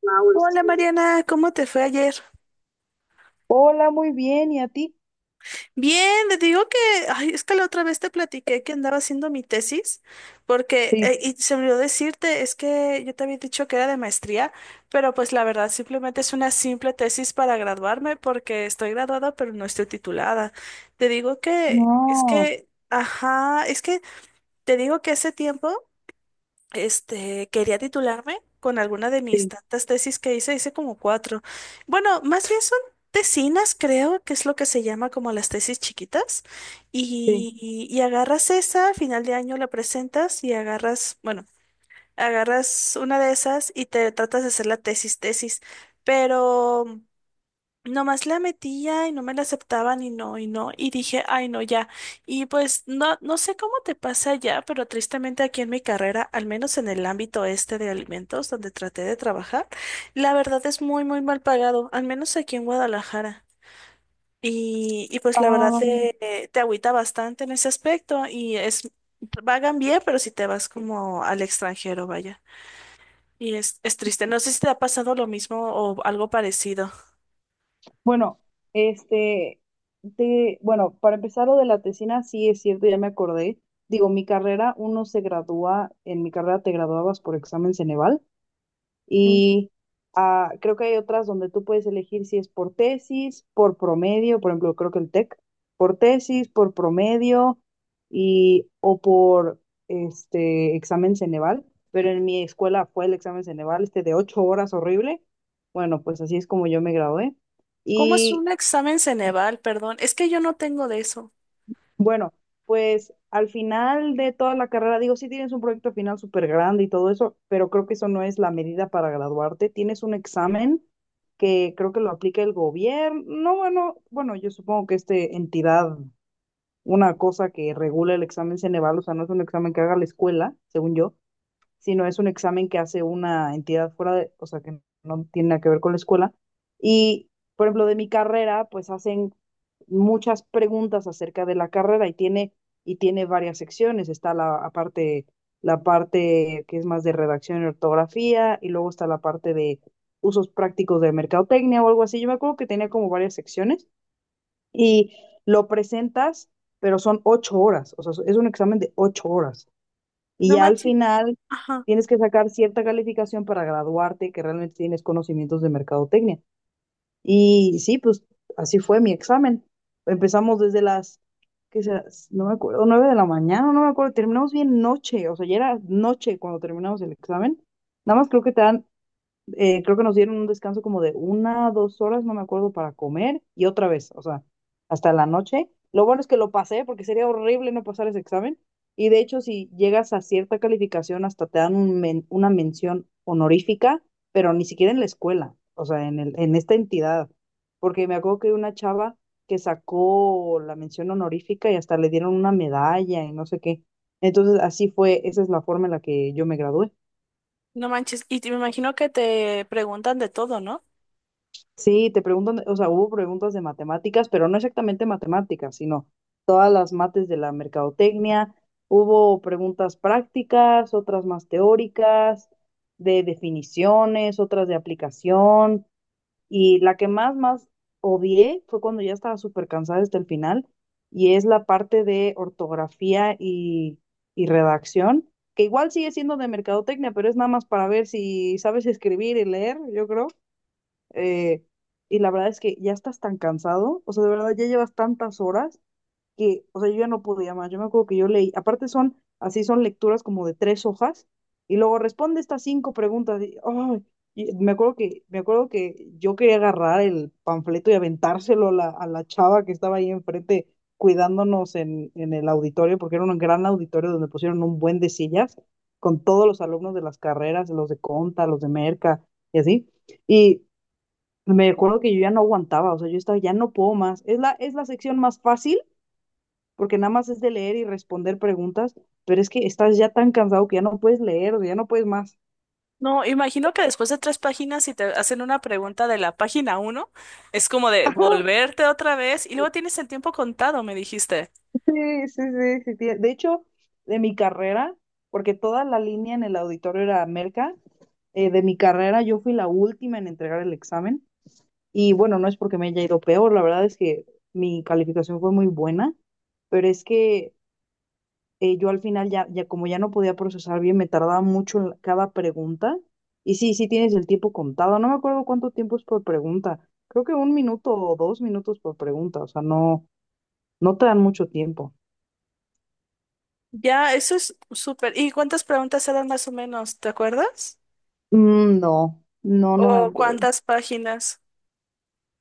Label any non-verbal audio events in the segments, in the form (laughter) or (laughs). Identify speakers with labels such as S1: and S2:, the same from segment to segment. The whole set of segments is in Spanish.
S1: Flower
S2: Hola
S1: season.
S2: Mariana, ¿cómo te fue ayer?
S1: Hola, muy bien. ¿Y a ti?
S2: Bien, te digo que, ay, es que la otra vez te platiqué que andaba haciendo mi tesis, porque,
S1: Sí.
S2: y se me olvidó decirte, es que yo te había dicho que era de maestría, pero pues la verdad simplemente es una simple tesis para graduarme, porque estoy graduada pero no estoy titulada. Te digo que, es
S1: No,
S2: que, ajá, es que te digo que hace tiempo. Quería titularme con alguna de mis
S1: sí,
S2: tantas tesis que hice como cuatro. Bueno, más bien son tesinas, creo, que es lo que se llama como las tesis chiquitas.
S1: sí.
S2: Y agarras esa, a final de año la presentas y agarras, bueno, agarras una de esas y te tratas de hacer la tesis, tesis. Pero nomás la metía y no me la aceptaban y no, y dije, ay, no, ya. Y pues no, no sé cómo te pasa ya, pero tristemente aquí en mi carrera, al menos en el ámbito este de alimentos donde traté de trabajar, la verdad es muy, muy mal pagado, al menos aquí en Guadalajara. Y pues la verdad
S1: Ah,
S2: te agüita bastante en ese aspecto pagan bien, pero si te vas como al extranjero, vaya. Y es triste. No sé si te ha pasado lo mismo o algo parecido.
S1: bueno, este, te, bueno, para empezar lo de la tesina, sí es cierto, ya me acordé. Digo, mi carrera, uno se gradúa, en mi carrera te graduabas por examen Ceneval. Y creo que hay otras donde tú puedes elegir si es por tesis, por promedio, por ejemplo, creo que el TEC, por tesis, por promedio y o por este examen Ceneval. Pero en mi escuela fue el examen Ceneval, este de ocho horas horrible. Bueno, pues así es como yo me gradué.
S2: ¿Cómo es un
S1: Y
S2: examen Ceneval? Perdón, es que yo no tengo de eso.
S1: bueno, pues al final de toda la carrera, digo, sí tienes un proyecto final súper grande y todo eso, pero creo que eso no es la medida para graduarte. Tienes un examen que creo que lo aplica el gobierno. No, bueno, bueno, yo supongo que esta entidad, una cosa que regula el examen Ceneval, o sea, no es un examen que haga la escuela, según yo, sino es un examen que hace una entidad fuera de, o sea, que no tiene nada que ver con la escuela. Y, por ejemplo, de mi carrera, pues hacen muchas preguntas acerca de la carrera y tiene varias secciones. Está la parte, la parte que es más de redacción y ortografía, y luego está la parte de usos prácticos de mercadotecnia o algo así. Yo me acuerdo que tenía como varias secciones y lo presentas, pero son ocho horas, o sea, es un examen de ocho horas. Y
S2: No
S1: ya al
S2: manches.
S1: final
S2: Ajá,
S1: tienes que sacar cierta calificación para graduarte que realmente tienes conocimientos de mercadotecnia. Y sí, pues así fue mi examen. Empezamos desde las, ¿qué será? No me acuerdo, nueve de la mañana, no me acuerdo. Terminamos bien noche, o sea, ya era noche cuando terminamos el examen. Nada más creo que te dan creo que nos dieron un descanso como de una, dos horas, no me acuerdo, para comer y otra vez, o sea, hasta la noche. Lo bueno es que lo pasé porque sería horrible no pasar ese examen. Y de hecho, si llegas a cierta calificación, hasta te dan un una mención honorífica, pero ni siquiera en la escuela, o sea, en el, en esta entidad. Porque me acuerdo que una chava que sacó la mención honorífica y hasta le dieron una medalla y no sé qué. Entonces, así fue, esa es la forma en la que yo me gradué.
S2: no manches. Y me imagino que te preguntan de todo, ¿no?
S1: Sí, te preguntan, o sea, hubo preguntas de matemáticas, pero no exactamente matemáticas, sino todas las mates de la mercadotecnia. Hubo preguntas prácticas, otras más teóricas, de definiciones, otras de aplicación. Y la que más, más odié fue cuando ya estaba súper cansada hasta el final, y es la parte de ortografía y redacción, que igual sigue siendo de mercadotecnia, pero es nada más para ver si sabes escribir y leer, yo creo. Eh, y la verdad es que ya estás tan cansado, o sea, de verdad ya llevas tantas horas que, o sea, yo ya no podía más. Yo me acuerdo que yo leí, aparte son, así son lecturas como de tres hojas, y luego responde estas cinco preguntas. Y, ay, y me acuerdo que yo quería agarrar el panfleto y aventárselo a la chava que estaba ahí enfrente cuidándonos en el auditorio, porque era un gran auditorio donde pusieron un buen de sillas con todos los alumnos de las carreras, los de Conta, los de Merca y así. Y me acuerdo que yo ya no aguantaba, o sea, yo estaba, ya no puedo más. Es la sección más fácil porque nada más es de leer y responder preguntas, pero es que estás ya tan cansado que ya no puedes leer, ya no puedes más.
S2: No, imagino que después de tres páginas, si te hacen una pregunta de la página uno, es como de volverte otra vez y luego tienes el tiempo contado, me dijiste.
S1: Sí, sí, sí, sí, sí. De hecho, de mi carrera, porque toda la línea en el auditorio era Merca, de mi carrera yo fui la última en entregar el examen y bueno, no es porque me haya ido peor, la verdad es que mi calificación fue muy buena, pero es que yo al final ya, ya como ya no podía procesar bien, me tardaba mucho en cada pregunta. Y sí, sí tienes el tiempo contado. No me acuerdo cuánto tiempo es por pregunta. Creo que un minuto o dos minutos por pregunta. O sea, no, no te dan mucho tiempo.
S2: Ya, eso es súper. ¿Y cuántas preguntas eran más o menos? ¿Te acuerdas?
S1: No, no, no me
S2: ¿O
S1: acuerdo.
S2: cuántas páginas?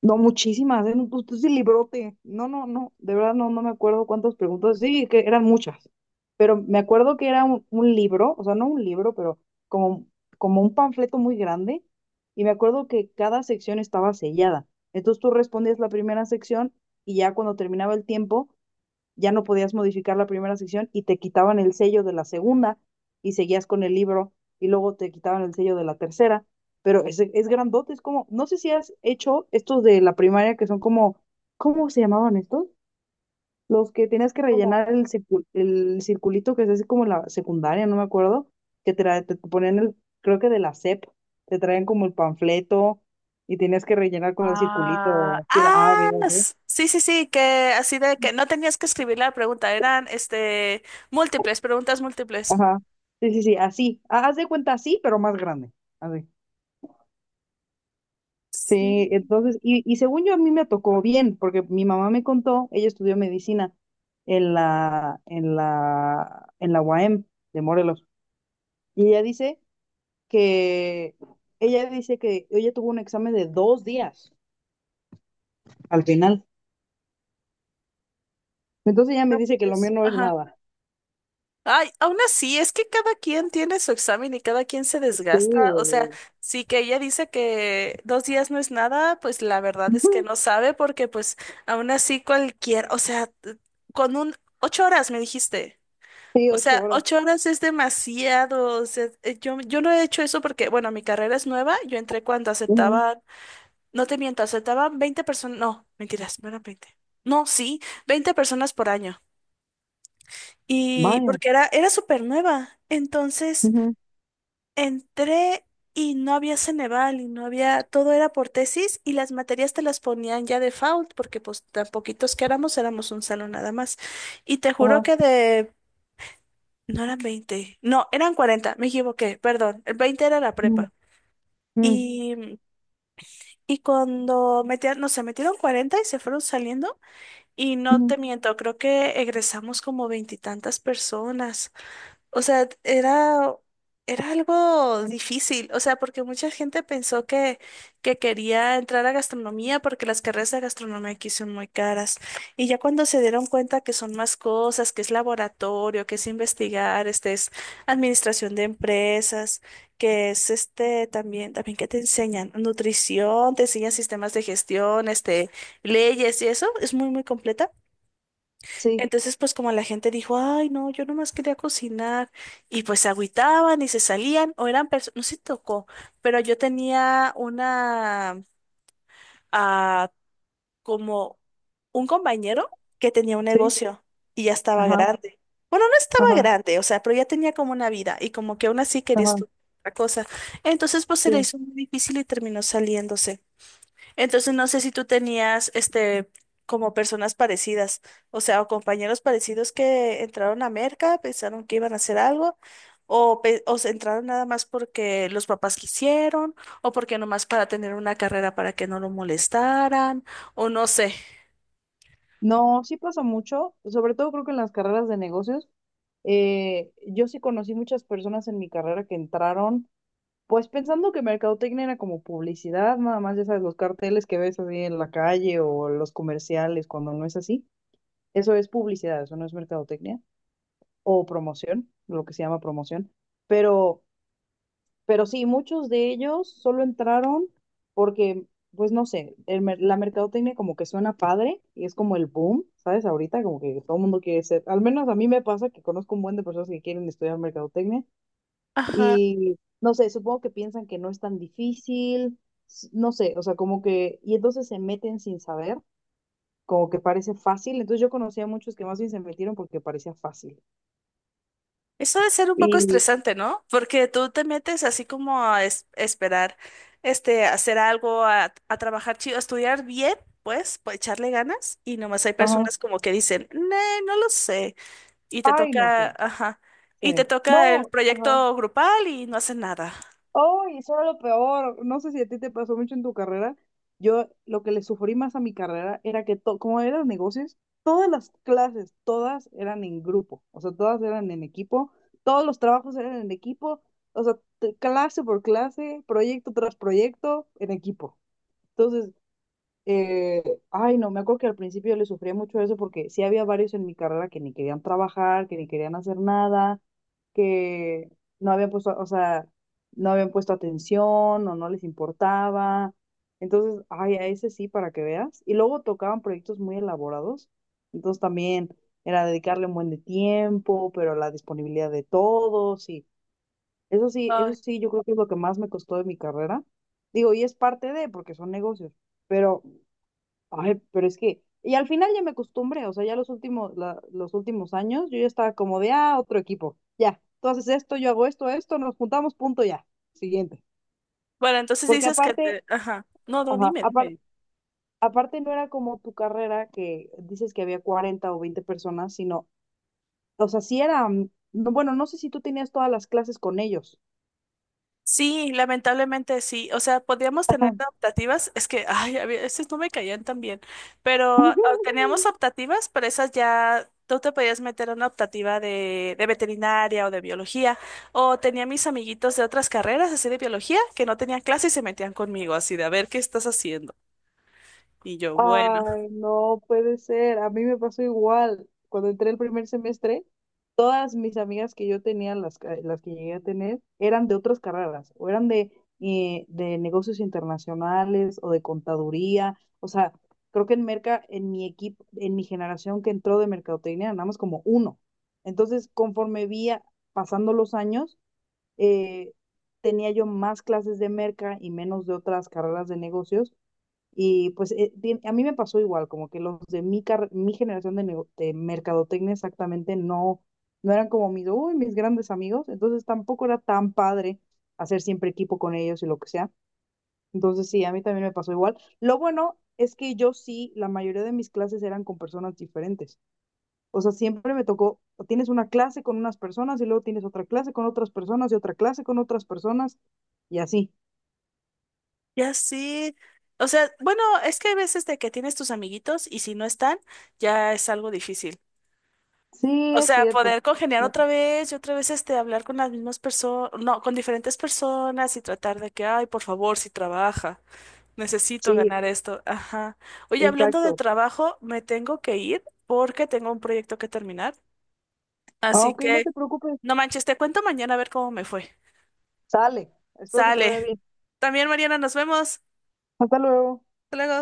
S1: No, muchísimas, ¿eh? No, pues tú sí librote. No, no, no, de verdad no, no me acuerdo cuántas preguntas. Sí, que eran muchas, pero me acuerdo que era un libro, o sea, no un libro, pero como, como un panfleto muy grande, y me acuerdo que cada sección estaba sellada. Entonces tú respondías la primera sección y ya cuando terminaba el tiempo, ya no podías modificar la primera sección y te quitaban el sello de la segunda y seguías con el libro y luego te quitaban el sello de la tercera, pero es grandote, es como, no sé si has hecho estos de la primaria que son como, ¿cómo se llamaban estos? Los que tenías que
S2: ¿Cómo?
S1: rellenar el, el circulito que es así como la secundaria, no me acuerdo, que te, te ponían el, creo que de la SEP, te traían como el panfleto y tenías que rellenar con el
S2: Ah,
S1: circulito, si era A,
S2: ah,
S1: B, o C.
S2: sí, sí, sí, que así de que no tenías que escribir la pregunta, eran múltiples, preguntas múltiples.
S1: Ajá. Sí, sí, sí, así. Haz de cuenta así, pero más grande. Así.
S2: Sí,
S1: Sí, entonces, y según yo a mí me tocó bien, porque mi mamá me contó, ella estudió medicina en la, en la, en la UAM de Morelos. Y ella dice que, ella dice que ella tuvo un examen de dos días al final. Entonces ella me
S2: no
S1: dice que lo
S2: manches.
S1: mío no es
S2: Ajá.
S1: nada.
S2: Ay, aún así, es que cada quien tiene su examen y cada quien se
S1: Sí,
S2: desgasta. O sea,
S1: oye.
S2: sí que ella dice que 2 días no es nada, pues la verdad es que
S1: Ujú,
S2: no sabe porque pues aún así cualquier, o sea, con un 8 horas me dijiste.
S1: sí,
S2: O
S1: ocho
S2: sea,
S1: horas.
S2: 8 horas es demasiado. O sea, yo no he hecho eso porque, bueno, mi carrera es nueva. Yo entré cuando
S1: Ujú,
S2: aceptaban, no te miento, aceptaban 20 personas. No, mentiras, no eran 20. No, sí, 20 personas por año. Y
S1: vaya.
S2: porque era súper nueva. Entonces,
S1: Ujú,
S2: entré y no había Ceneval y no había, todo era por tesis y las materias te las ponían ya default porque pues tan poquitos que éramos, éramos un salón nada más. Y te juro
S1: ajá.
S2: que de No eran 20, no, eran 40. Me equivoqué, perdón. El 20 era la
S1: Ujú,
S2: prepa.
S1: ujú,
S2: Y, mm, y cuando metían, no sé, metieron 40 y se fueron saliendo. Y no
S1: ujú,
S2: te miento, creo que egresamos como veintitantas personas. O sea, era algo difícil, o sea, porque mucha gente pensó que quería entrar a gastronomía porque las carreras de gastronomía aquí son muy caras. Y ya cuando se dieron cuenta que son más cosas, que es laboratorio, que es investigar, este es administración de empresas, que es también que te enseñan nutrición, te enseñan sistemas de gestión, leyes y eso, es muy, muy completa.
S1: sí,
S2: Entonces, pues como la gente dijo, ay, no, yo nomás quería cocinar, y pues se agüitaban y se salían, o eran personas, no sé si tocó, pero yo tenía ah, como un compañero que tenía un
S1: sí,
S2: negocio y ya estaba
S1: ajá.
S2: grande. Bueno, no estaba
S1: Ajá,
S2: grande, o sea, pero ya tenía como una vida y como que aún así quería
S1: ajá,
S2: estudiar otra cosa. Entonces, pues se le
S1: sí.
S2: hizo muy difícil y terminó saliéndose. Entonces no sé si tú tenías como personas parecidas, o sea, o compañeros parecidos que entraron a Merca, pensaron que iban a hacer algo, o se entraron nada más porque los papás quisieron, o porque nomás para tener una carrera para que no lo molestaran, o no sé.
S1: No, sí pasa mucho, sobre todo creo que en las carreras de negocios. Yo sí conocí muchas personas en mi carrera que entraron, pues pensando que mercadotecnia era como publicidad, nada más, ya sabes, los carteles que ves así en la calle o los comerciales, cuando no es así. Eso es publicidad, eso no es mercadotecnia o promoción, lo que se llama promoción. Pero Pero sí, muchos de ellos solo entraron porque, pues no sé, el la mercadotecnia como que suena padre y es como el boom, ¿sabes? Ahorita como que todo el mundo quiere ser, al menos a mí me pasa que conozco un buen de personas que quieren estudiar mercadotecnia
S2: Ajá.
S1: y no sé, supongo que piensan que no es tan difícil, no sé, o sea, como que, y entonces se meten sin saber, como que parece fácil, entonces yo conocía a muchos que más bien se metieron porque parecía fácil.
S2: Eso debe ser un poco
S1: Y,
S2: estresante, ¿no? Porque tú te metes así como a esperar, hacer algo, a trabajar chido, a estudiar bien, pues, pues echarle ganas. Y nomás hay
S1: ajá,
S2: personas como que dicen, no, no lo sé. Y te
S1: ay, no sé,
S2: toca, ajá,
S1: sí.
S2: y te toca el
S1: No, ajá.
S2: proyecto grupal y no hacen nada.
S1: Oh, y eso era lo peor. No sé si a ti te pasó mucho en tu carrera. Yo lo que le sufrí más a mi carrera era que, como eran negocios, todas las clases, todas eran en grupo, o sea, todas eran en equipo, todos los trabajos eran en equipo, o sea, clase por clase, proyecto tras proyecto, en equipo. Entonces, eh, ay, no, me acuerdo que al principio yo le sufría mucho eso porque sí había varios en mi carrera que ni querían trabajar, que ni querían hacer nada, que no habían puesto, o sea, no habían puesto atención o no les importaba. Entonces, ay, a ese sí, para que veas. Y luego tocaban proyectos muy elaborados. Entonces también era dedicarle un buen de tiempo, pero la disponibilidad de todos y eso
S2: Ay,
S1: sí, yo creo que es lo que más me costó de mi carrera. Digo, y es parte de, porque son negocios. Pero ay, pero es que, y al final ya me acostumbré, o sea, ya los últimos, los últimos años, yo ya estaba como de, ah, otro equipo, ya, tú haces esto, yo hago esto, esto, nos juntamos, punto, ya, siguiente.
S2: bueno, entonces
S1: Porque
S2: dices
S1: aparte,
S2: ajá, no, no,
S1: ajá,
S2: dime, dime.
S1: aparte no era como tu carrera que dices que había 40 o 20 personas, sino, o sea, sí era, mm, no, bueno, no sé si tú tenías todas las clases con ellos.
S2: Sí, lamentablemente sí. O sea, podíamos tener optativas. Es que, ay, a veces no me caían tan bien. Pero
S1: (laughs)
S2: teníamos optativas, pero esas ya tú te podías meter a una optativa de veterinaria o de biología. O tenía mis amiguitos de otras carreras, así de biología, que no tenían clase y se metían conmigo, así de a ver qué estás haciendo. Y yo, bueno,
S1: Ay, no puede ser. A mí me pasó igual. Cuando entré el primer semestre, todas mis amigas que yo tenía, las, las que llegué a tener, eran de otras carreras, o eran de negocios internacionales o de contaduría. O sea, creo que en Merca, en mi equipo, en mi generación que entró de mercadotecnia, nada más como uno. Entonces, conforme pasando los años, eh, tenía yo más clases de Merca y menos de otras carreras de negocios y pues bien, a mí me pasó igual, como que los de mi, mi generación de, de mercadotecnia exactamente no, no eran como mis, uy, mis grandes amigos, entonces tampoco era tan padre hacer siempre equipo con ellos y lo que sea. Entonces sí, a mí también me pasó igual. Lo bueno es que yo sí, la mayoría de mis clases eran con personas diferentes. O sea, siempre me tocó, tienes una clase con unas personas y luego tienes otra clase con otras personas y otra clase con otras personas y así.
S2: ya sí. O sea, bueno, es que hay veces de que tienes tus amiguitos y si no están, ya es algo difícil.
S1: Sí,
S2: O
S1: es
S2: sea,
S1: cierto.
S2: poder congeniar
S1: No,
S2: otra vez y otra vez hablar con las mismas personas, no, con diferentes personas y tratar de que, ay, por favor, si trabaja, necesito
S1: sí,
S2: ganar esto. Ajá. Oye, hablando de
S1: exacto.
S2: trabajo, me tengo que ir porque tengo un proyecto que terminar.
S1: Ah,
S2: Así
S1: ok, no
S2: que,
S1: te preocupes.
S2: no manches, te cuento mañana a ver cómo me fue.
S1: Sale. Espero que te vaya
S2: Sale.
S1: bien.
S2: También, Mariana, nos vemos.
S1: Hasta luego.
S2: Hasta luego.